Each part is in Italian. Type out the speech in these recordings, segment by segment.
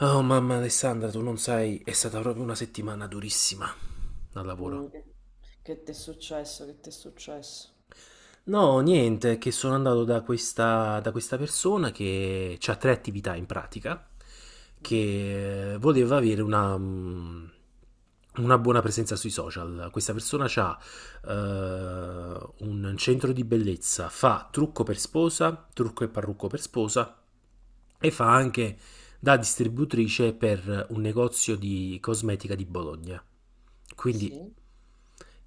Oh mamma Alessandra, tu non sai, è stata proprio una settimana durissima al lavoro. Mm, che ti è successo? Che ti è successo? No, niente, che sono andato da questa persona che ha tre attività in pratica, Mhm. che voleva avere una, una buona presenza sui social. Questa persona ha un centro di bellezza, fa trucco per sposa, trucco e parrucco per sposa e fa anche da distributrice per un negozio di cosmetica di Bologna. Quindi Sì?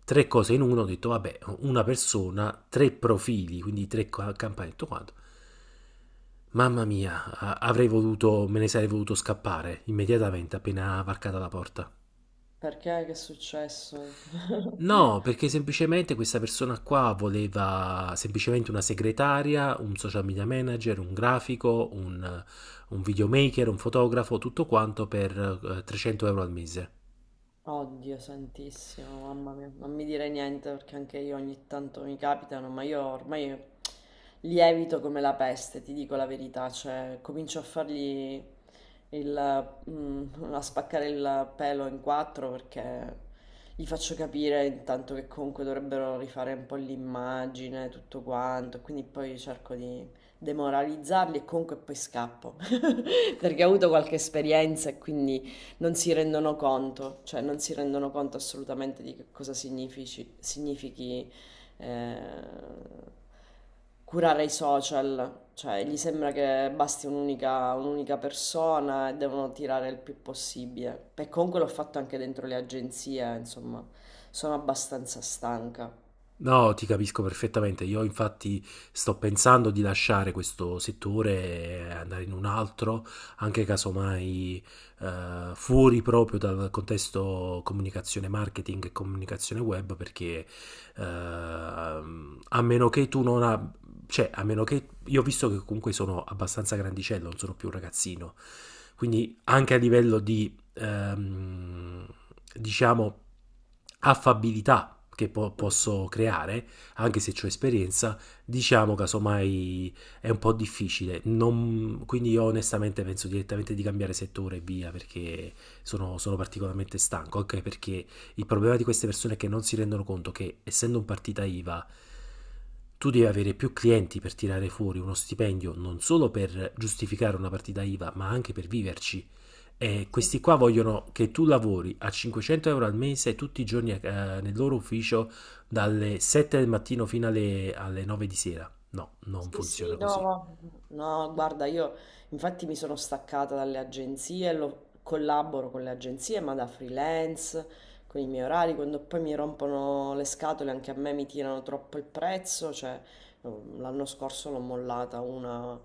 tre cose in uno, ho detto vabbè, una persona, tre profili, quindi tre campane, tutto quanto. Mamma mia, avrei voluto, me ne sarei voluto scappare immediatamente appena varcata la porta. Perché? Che è successo? No, perché semplicemente questa persona qua voleva semplicemente una segretaria, un social media manager, un grafico, un videomaker, un fotografo, tutto quanto per 300 euro al mese. Oddio santissimo, mamma mia, non mi dire niente perché anche io ogni tanto mi capitano, ma io ormai li evito come la peste, ti dico la verità, cioè comincio a fargli il, a spaccare il pelo in quattro perché gli faccio capire intanto che comunque dovrebbero rifare un po' l'immagine, tutto quanto, quindi poi cerco di demoralizzarli e comunque poi scappo perché ho avuto qualche esperienza e quindi... Non si rendono conto, cioè non si rendono conto assolutamente di che cosa significhi eh, curare i social, cioè gli sembra che basti un'unica persona e devono tirare il più possibile. E comunque l'ho fatto anche dentro le agenzie, insomma, sono abbastanza stanca. No, ti capisco perfettamente. Io infatti sto pensando di lasciare questo settore e andare in un altro, anche casomai fuori proprio dal contesto comunicazione marketing e comunicazione web, perché a meno che tu non abbia, cioè a meno che io ho visto che comunque sono abbastanza grandicello, non sono più un ragazzino. Quindi anche a livello di ehm, diciamo, affabilità che Mm. posso creare, anche se ho esperienza, diciamo casomai è un po' difficile. Quindi io onestamente penso direttamente di cambiare settore e via perché sono particolarmente stanco, anche perché il problema di queste persone è che non si rendono conto che essendo un partita IVA tu devi avere più clienti per tirare fuori uno stipendio non solo per giustificare una partita IVA, ma anche per viverci. E Sì, sì. questi qua vogliono che tu lavori a 500 euro al mese tutti i giorni nel loro ufficio dalle 7 del mattino fino alle 9 di sera. No, non Sì, sì, funziona così. No, guarda, io infatti mi sono staccata dalle agenzie, collaboro con le agenzie, ma da freelance, con i miei orari, quando poi mi rompono le scatole, anche a me mi tirano troppo il prezzo, cioè l'anno scorso l'ho mollata una,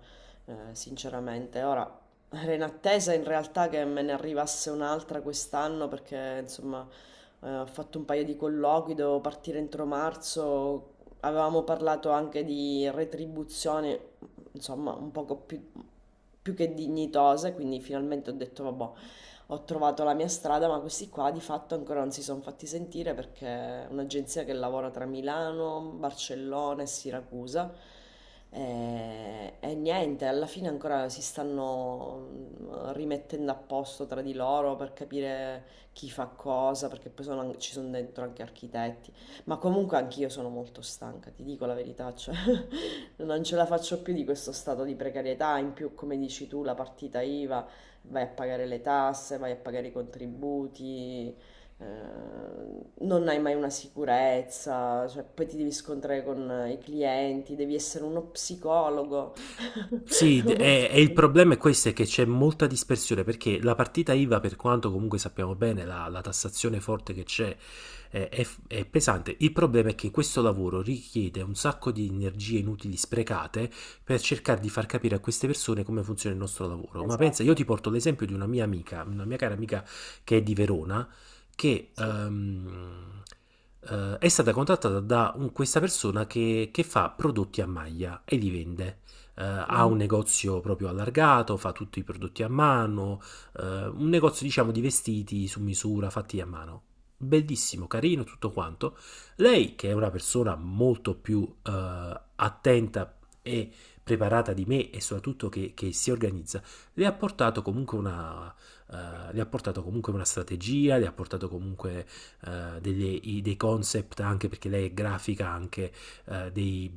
sinceramente. Ora, era in attesa in realtà che me ne arrivasse un'altra quest'anno perché, insomma, ho fatto un paio di colloqui, devo partire entro marzo, avevamo parlato anche di retribuzione, insomma, un poco più, più che dignitose, quindi finalmente ho detto, vabbè, ho trovato la mia strada, ma questi qua di fatto ancora non si sono fatti sentire perché è un'agenzia che lavora tra Milano, Barcellona e Siracusa. E niente, alla fine ancora si stanno rimettendo a posto tra di loro per capire chi fa cosa, perché poi ci sono dentro anche architetti, ma comunque anch'io sono molto stanca, ti dico la verità, cioè non ce la faccio più di questo stato di precarietà, in più come dici tu la partita IVA, vai a pagare le tasse, vai a pagare i contributi, eh, non hai mai una sicurezza, cioè, poi ti devi scontrare con i clienti, devi essere uno psicologo. Sì, e il problema è questo, è che c'è molta dispersione, perché la partita IVA, per quanto comunque sappiamo bene, la tassazione forte che c'è è pesante. Il problema è che questo lavoro richiede un sacco di energie inutili sprecate per cercare di far capire a queste persone come funziona il nostro lavoro. Ma pensa, io Esatto, ti porto l'esempio di una mia amica, una mia cara amica che è di Verona, che... sì. ehm, eh, è stata contattata da questa persona che fa prodotti a maglia e li vende ha un Mhm. negozio proprio allargato, fa tutti i prodotti a mano, un negozio diciamo di vestiti su misura fatti a mano. Sì, Bellissimo, carino, tutto quanto. Lei, che è una persona molto più attenta e preparata di me e soprattutto che si organizza, le ha portato comunque le ha portato comunque una strategia, le ha portato comunque dei concept anche perché lei è grafica anche eh, dei,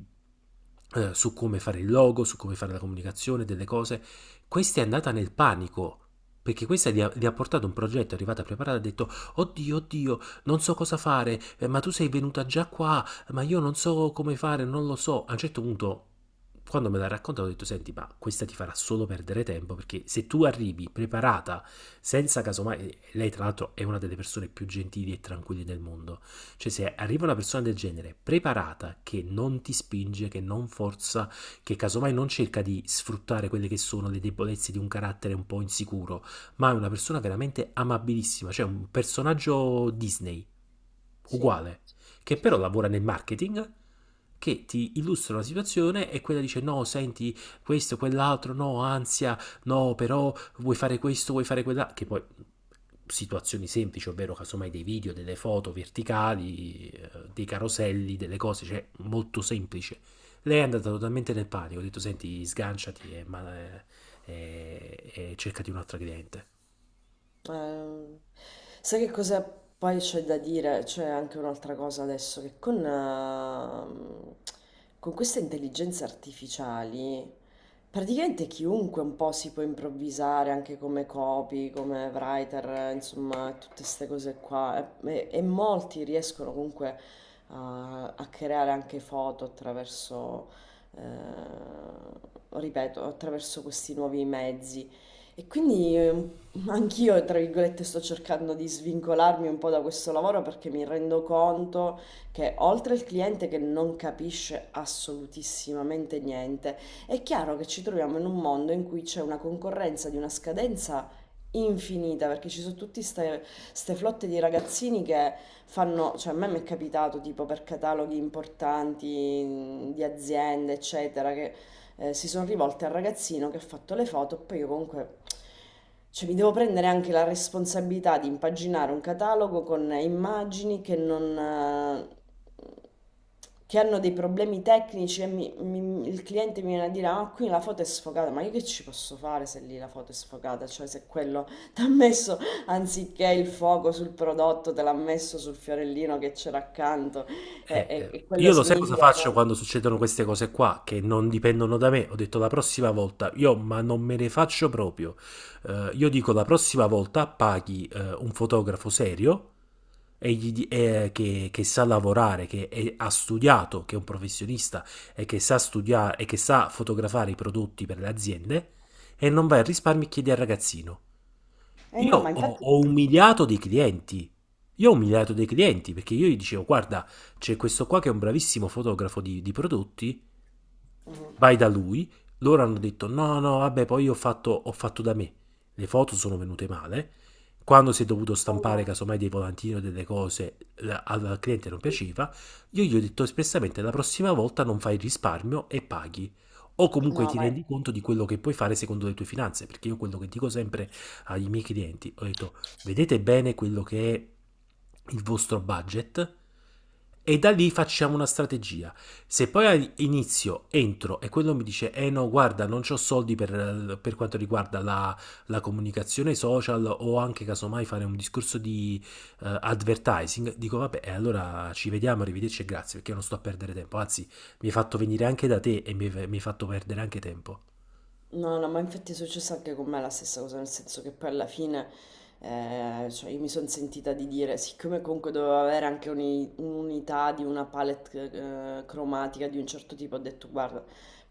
su come fare il logo, su come fare la comunicazione, delle cose. Questa è andata nel panico. Perché gli ha portato un progetto, è arrivata preparata, ha detto, oddio, oddio, non so cosa fare, ma tu sei venuta già qua, ma io non so come fare, non lo so. A un certo punto quando me l'ha raccontato ho detto senti ma questa ti farà solo perdere tempo perché se tu arrivi preparata senza casomai, lei tra l'altro è una delle persone più gentili e tranquille del mondo, cioè, se mhm, arriva una persona del genere preparata, che non ti spinge, che non forza, che casomai non cerca di sfruttare quelle che sono le debolezze di un carattere un po' insicuro, ma è una persona veramente amabilissima, cioè un personaggio Disney, sì, uguale, che sì, però sì. lavora nel marketing, che ti illustra una situazione e quella dice no, senti, questo, quell'altro, no, ansia, no, però vuoi fare questo, vuoi fare quella, che poi situazioni semplici, ovvero casomai dei video, delle foto verticali, dei caroselli, delle cose, cioè molto semplice. Lei è andata totalmente nel panico, ho detto senti sganciati e cercati un'altra cliente. Ehm, sai che cosa poi c'è da dire? C'è anche un'altra cosa adesso, che con con queste intelligenze artificiali, praticamente chiunque un po' si può improvvisare anche come copy, come writer, insomma, tutte queste cose qua. E molti riescono comunque a creare anche foto attraverso, ripeto, attraverso questi nuovi mezzi. E quindi un anch'io, tra virgolette, sto cercando di svincolarmi un po' da questo lavoro perché mi rendo conto che oltre al cliente che non capisce assolutissimamente niente, è chiaro che ci troviamo in un mondo in cui c'è una concorrenza di una scadenza infinita perché ci sono tutte queste flotte di ragazzini che fanno, cioè a me mi è capitato tipo per cataloghi importanti di aziende, eccetera, che si sono rivolte al ragazzino che ha fatto le foto, poi io comunque cioè, mi devo prendere anche la responsabilità di impaginare un catalogo con immagini che non... che hanno dei problemi tecnici e il cliente mi viene a dire, ah, qui la foto è sfocata, ma io che ci posso fare se lì la foto è sfocata? Cioè se quello ti ha messo, anziché il fuoco sul prodotto, te l'ha messo sul fiorellino che c'era accanto e, e- e quello Io lo sai cosa significa che faccio non... quando succedono queste cose qua che non dipendono da me. Ho detto la prossima volta, io ma non me ne faccio proprio. Io dico la prossima volta paghi un fotografo serio e che sa lavorare, che ha studiato, che è un professionista e che sa studiare e che sa fotografare i prodotti per le aziende e non vai a risparmi e chiedi al ragazzino. Eh no, ma infatti... Ho umiliato dei clienti. Io ho umiliato dei clienti perché io gli dicevo: guarda, c'è questo qua che è un bravissimo fotografo di prodotti. Vai da lui, loro hanno detto no, no, vabbè, poi ho fatto da me. Le foto sono venute male. Quando si è dovuto Eh no. stampare casomai dei volantini o delle cose al al cliente non piaceva, io gli ho detto espressamente la prossima volta non fai risparmio e paghi. O comunque No, ti ma, rendi conto di quello che puoi fare secondo le tue finanze, perché io quello che dico sempre ai miei clienti, ho detto vedete bene quello che è il vostro budget e da lì facciamo una strategia. Se poi inizio, entro e quello mi dice, eh no, guarda, non ho soldi per quanto riguarda la comunicazione social o anche casomai fare un discorso di advertising, dico vabbè, e allora ci vediamo, arrivederci e grazie, perché io non sto a perdere tempo, anzi mi hai fatto venire anche da te e mi hai fatto perdere anche tempo. no, no, ma infatti è successo anche con me la stessa cosa, nel senso che poi alla fine cioè io mi sono sentita di dire, siccome comunque dovevo avere anche un'unità di una palette cromatica di un certo tipo, ho detto guarda,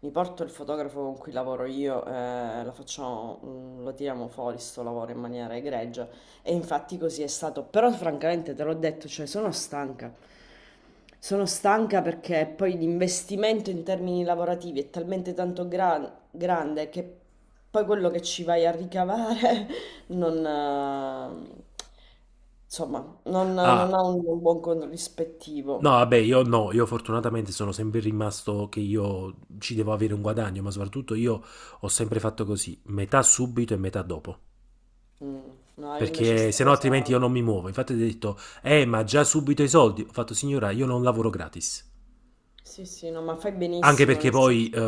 mi porto il fotografo con cui lavoro io, lo facciamo, lo tiriamo fuori sto lavoro in maniera egregia e infatti così è stato, però francamente te l'ho detto, cioè sono stanca. Sono stanca perché poi l'investimento in termini lavorativi è talmente tanto grande, che poi quello che ci vai a ricavare non, insomma, non, non Ah, ha un buon no, corrispettivo. vabbè, io no, io fortunatamente sono sempre rimasto che io ci devo avere un guadagno, ma soprattutto io ho sempre fatto così, metà subito e metà dopo. Mm. No, io invece Perché sta se no altrimenti cosa... io non mi muovo. Infatti ho detto, ma già subito i soldi. Ho fatto, signora, io non lavoro gratis. Sì, sì, no, ma fai Anche benissimo, perché nel poi senso...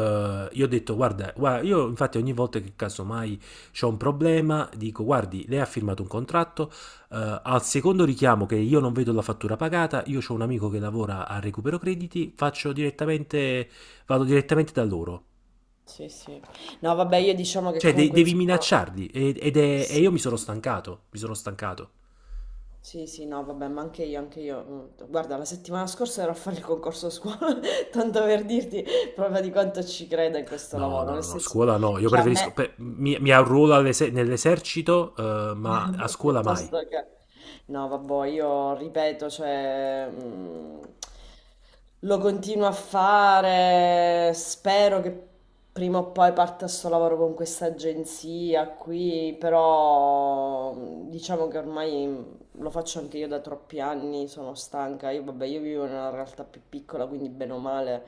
io ho detto, guarda, guarda, io infatti ogni volta che casomai c'ho un problema, dico, guardi, lei ha firmato un contratto, al secondo richiamo che io non vedo la fattura pagata, io ho un amico che lavora a recupero crediti, faccio direttamente, vado direttamente da loro. Sì, sì. No, vabbè, io diciamo che Cioè, comunque, devi insomma... minacciarli e Sì, io mi sono stancato, mi sono stancato. sì, sì, no, vabbè, ma anche io, anche io. Guarda, la settimana scorsa ero a fare il concorso a scuola, tanto per dirti proprio di quanto ci creda in questo No, lavoro, no, no, nel no, senso scuola no, io che a preferisco, me... mi arruolo nell'esercito, ma a scuola mai. Piuttosto che... No, vabbè, io ripeto, cioè, lo continuo a fare, spero che prima o poi parta sto lavoro con questa agenzia qui, però diciamo che ormai lo faccio anche io da troppi anni, sono stanca, io vabbè, io vivo in una realtà più piccola, quindi bene o male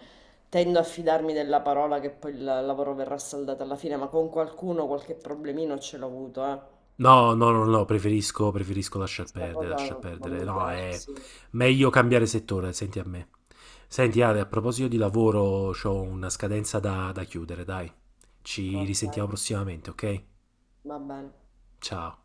tendo a fidarmi della parola che poi il lavoro verrà saldato alla fine, ma con qualcuno qualche problemino ce l'ho avuto, eh. No, no, no, no, preferisco, preferisco lasciar Questa perdere, cosa lasciar non perdere. mi No, piace, è sì. meglio cambiare settore, senti a me. Senti Ale, a proposito di lavoro, ho una scadenza da chiudere, dai. Ci Okay, risentiamo prossimamente, ok? va bene. Ciao.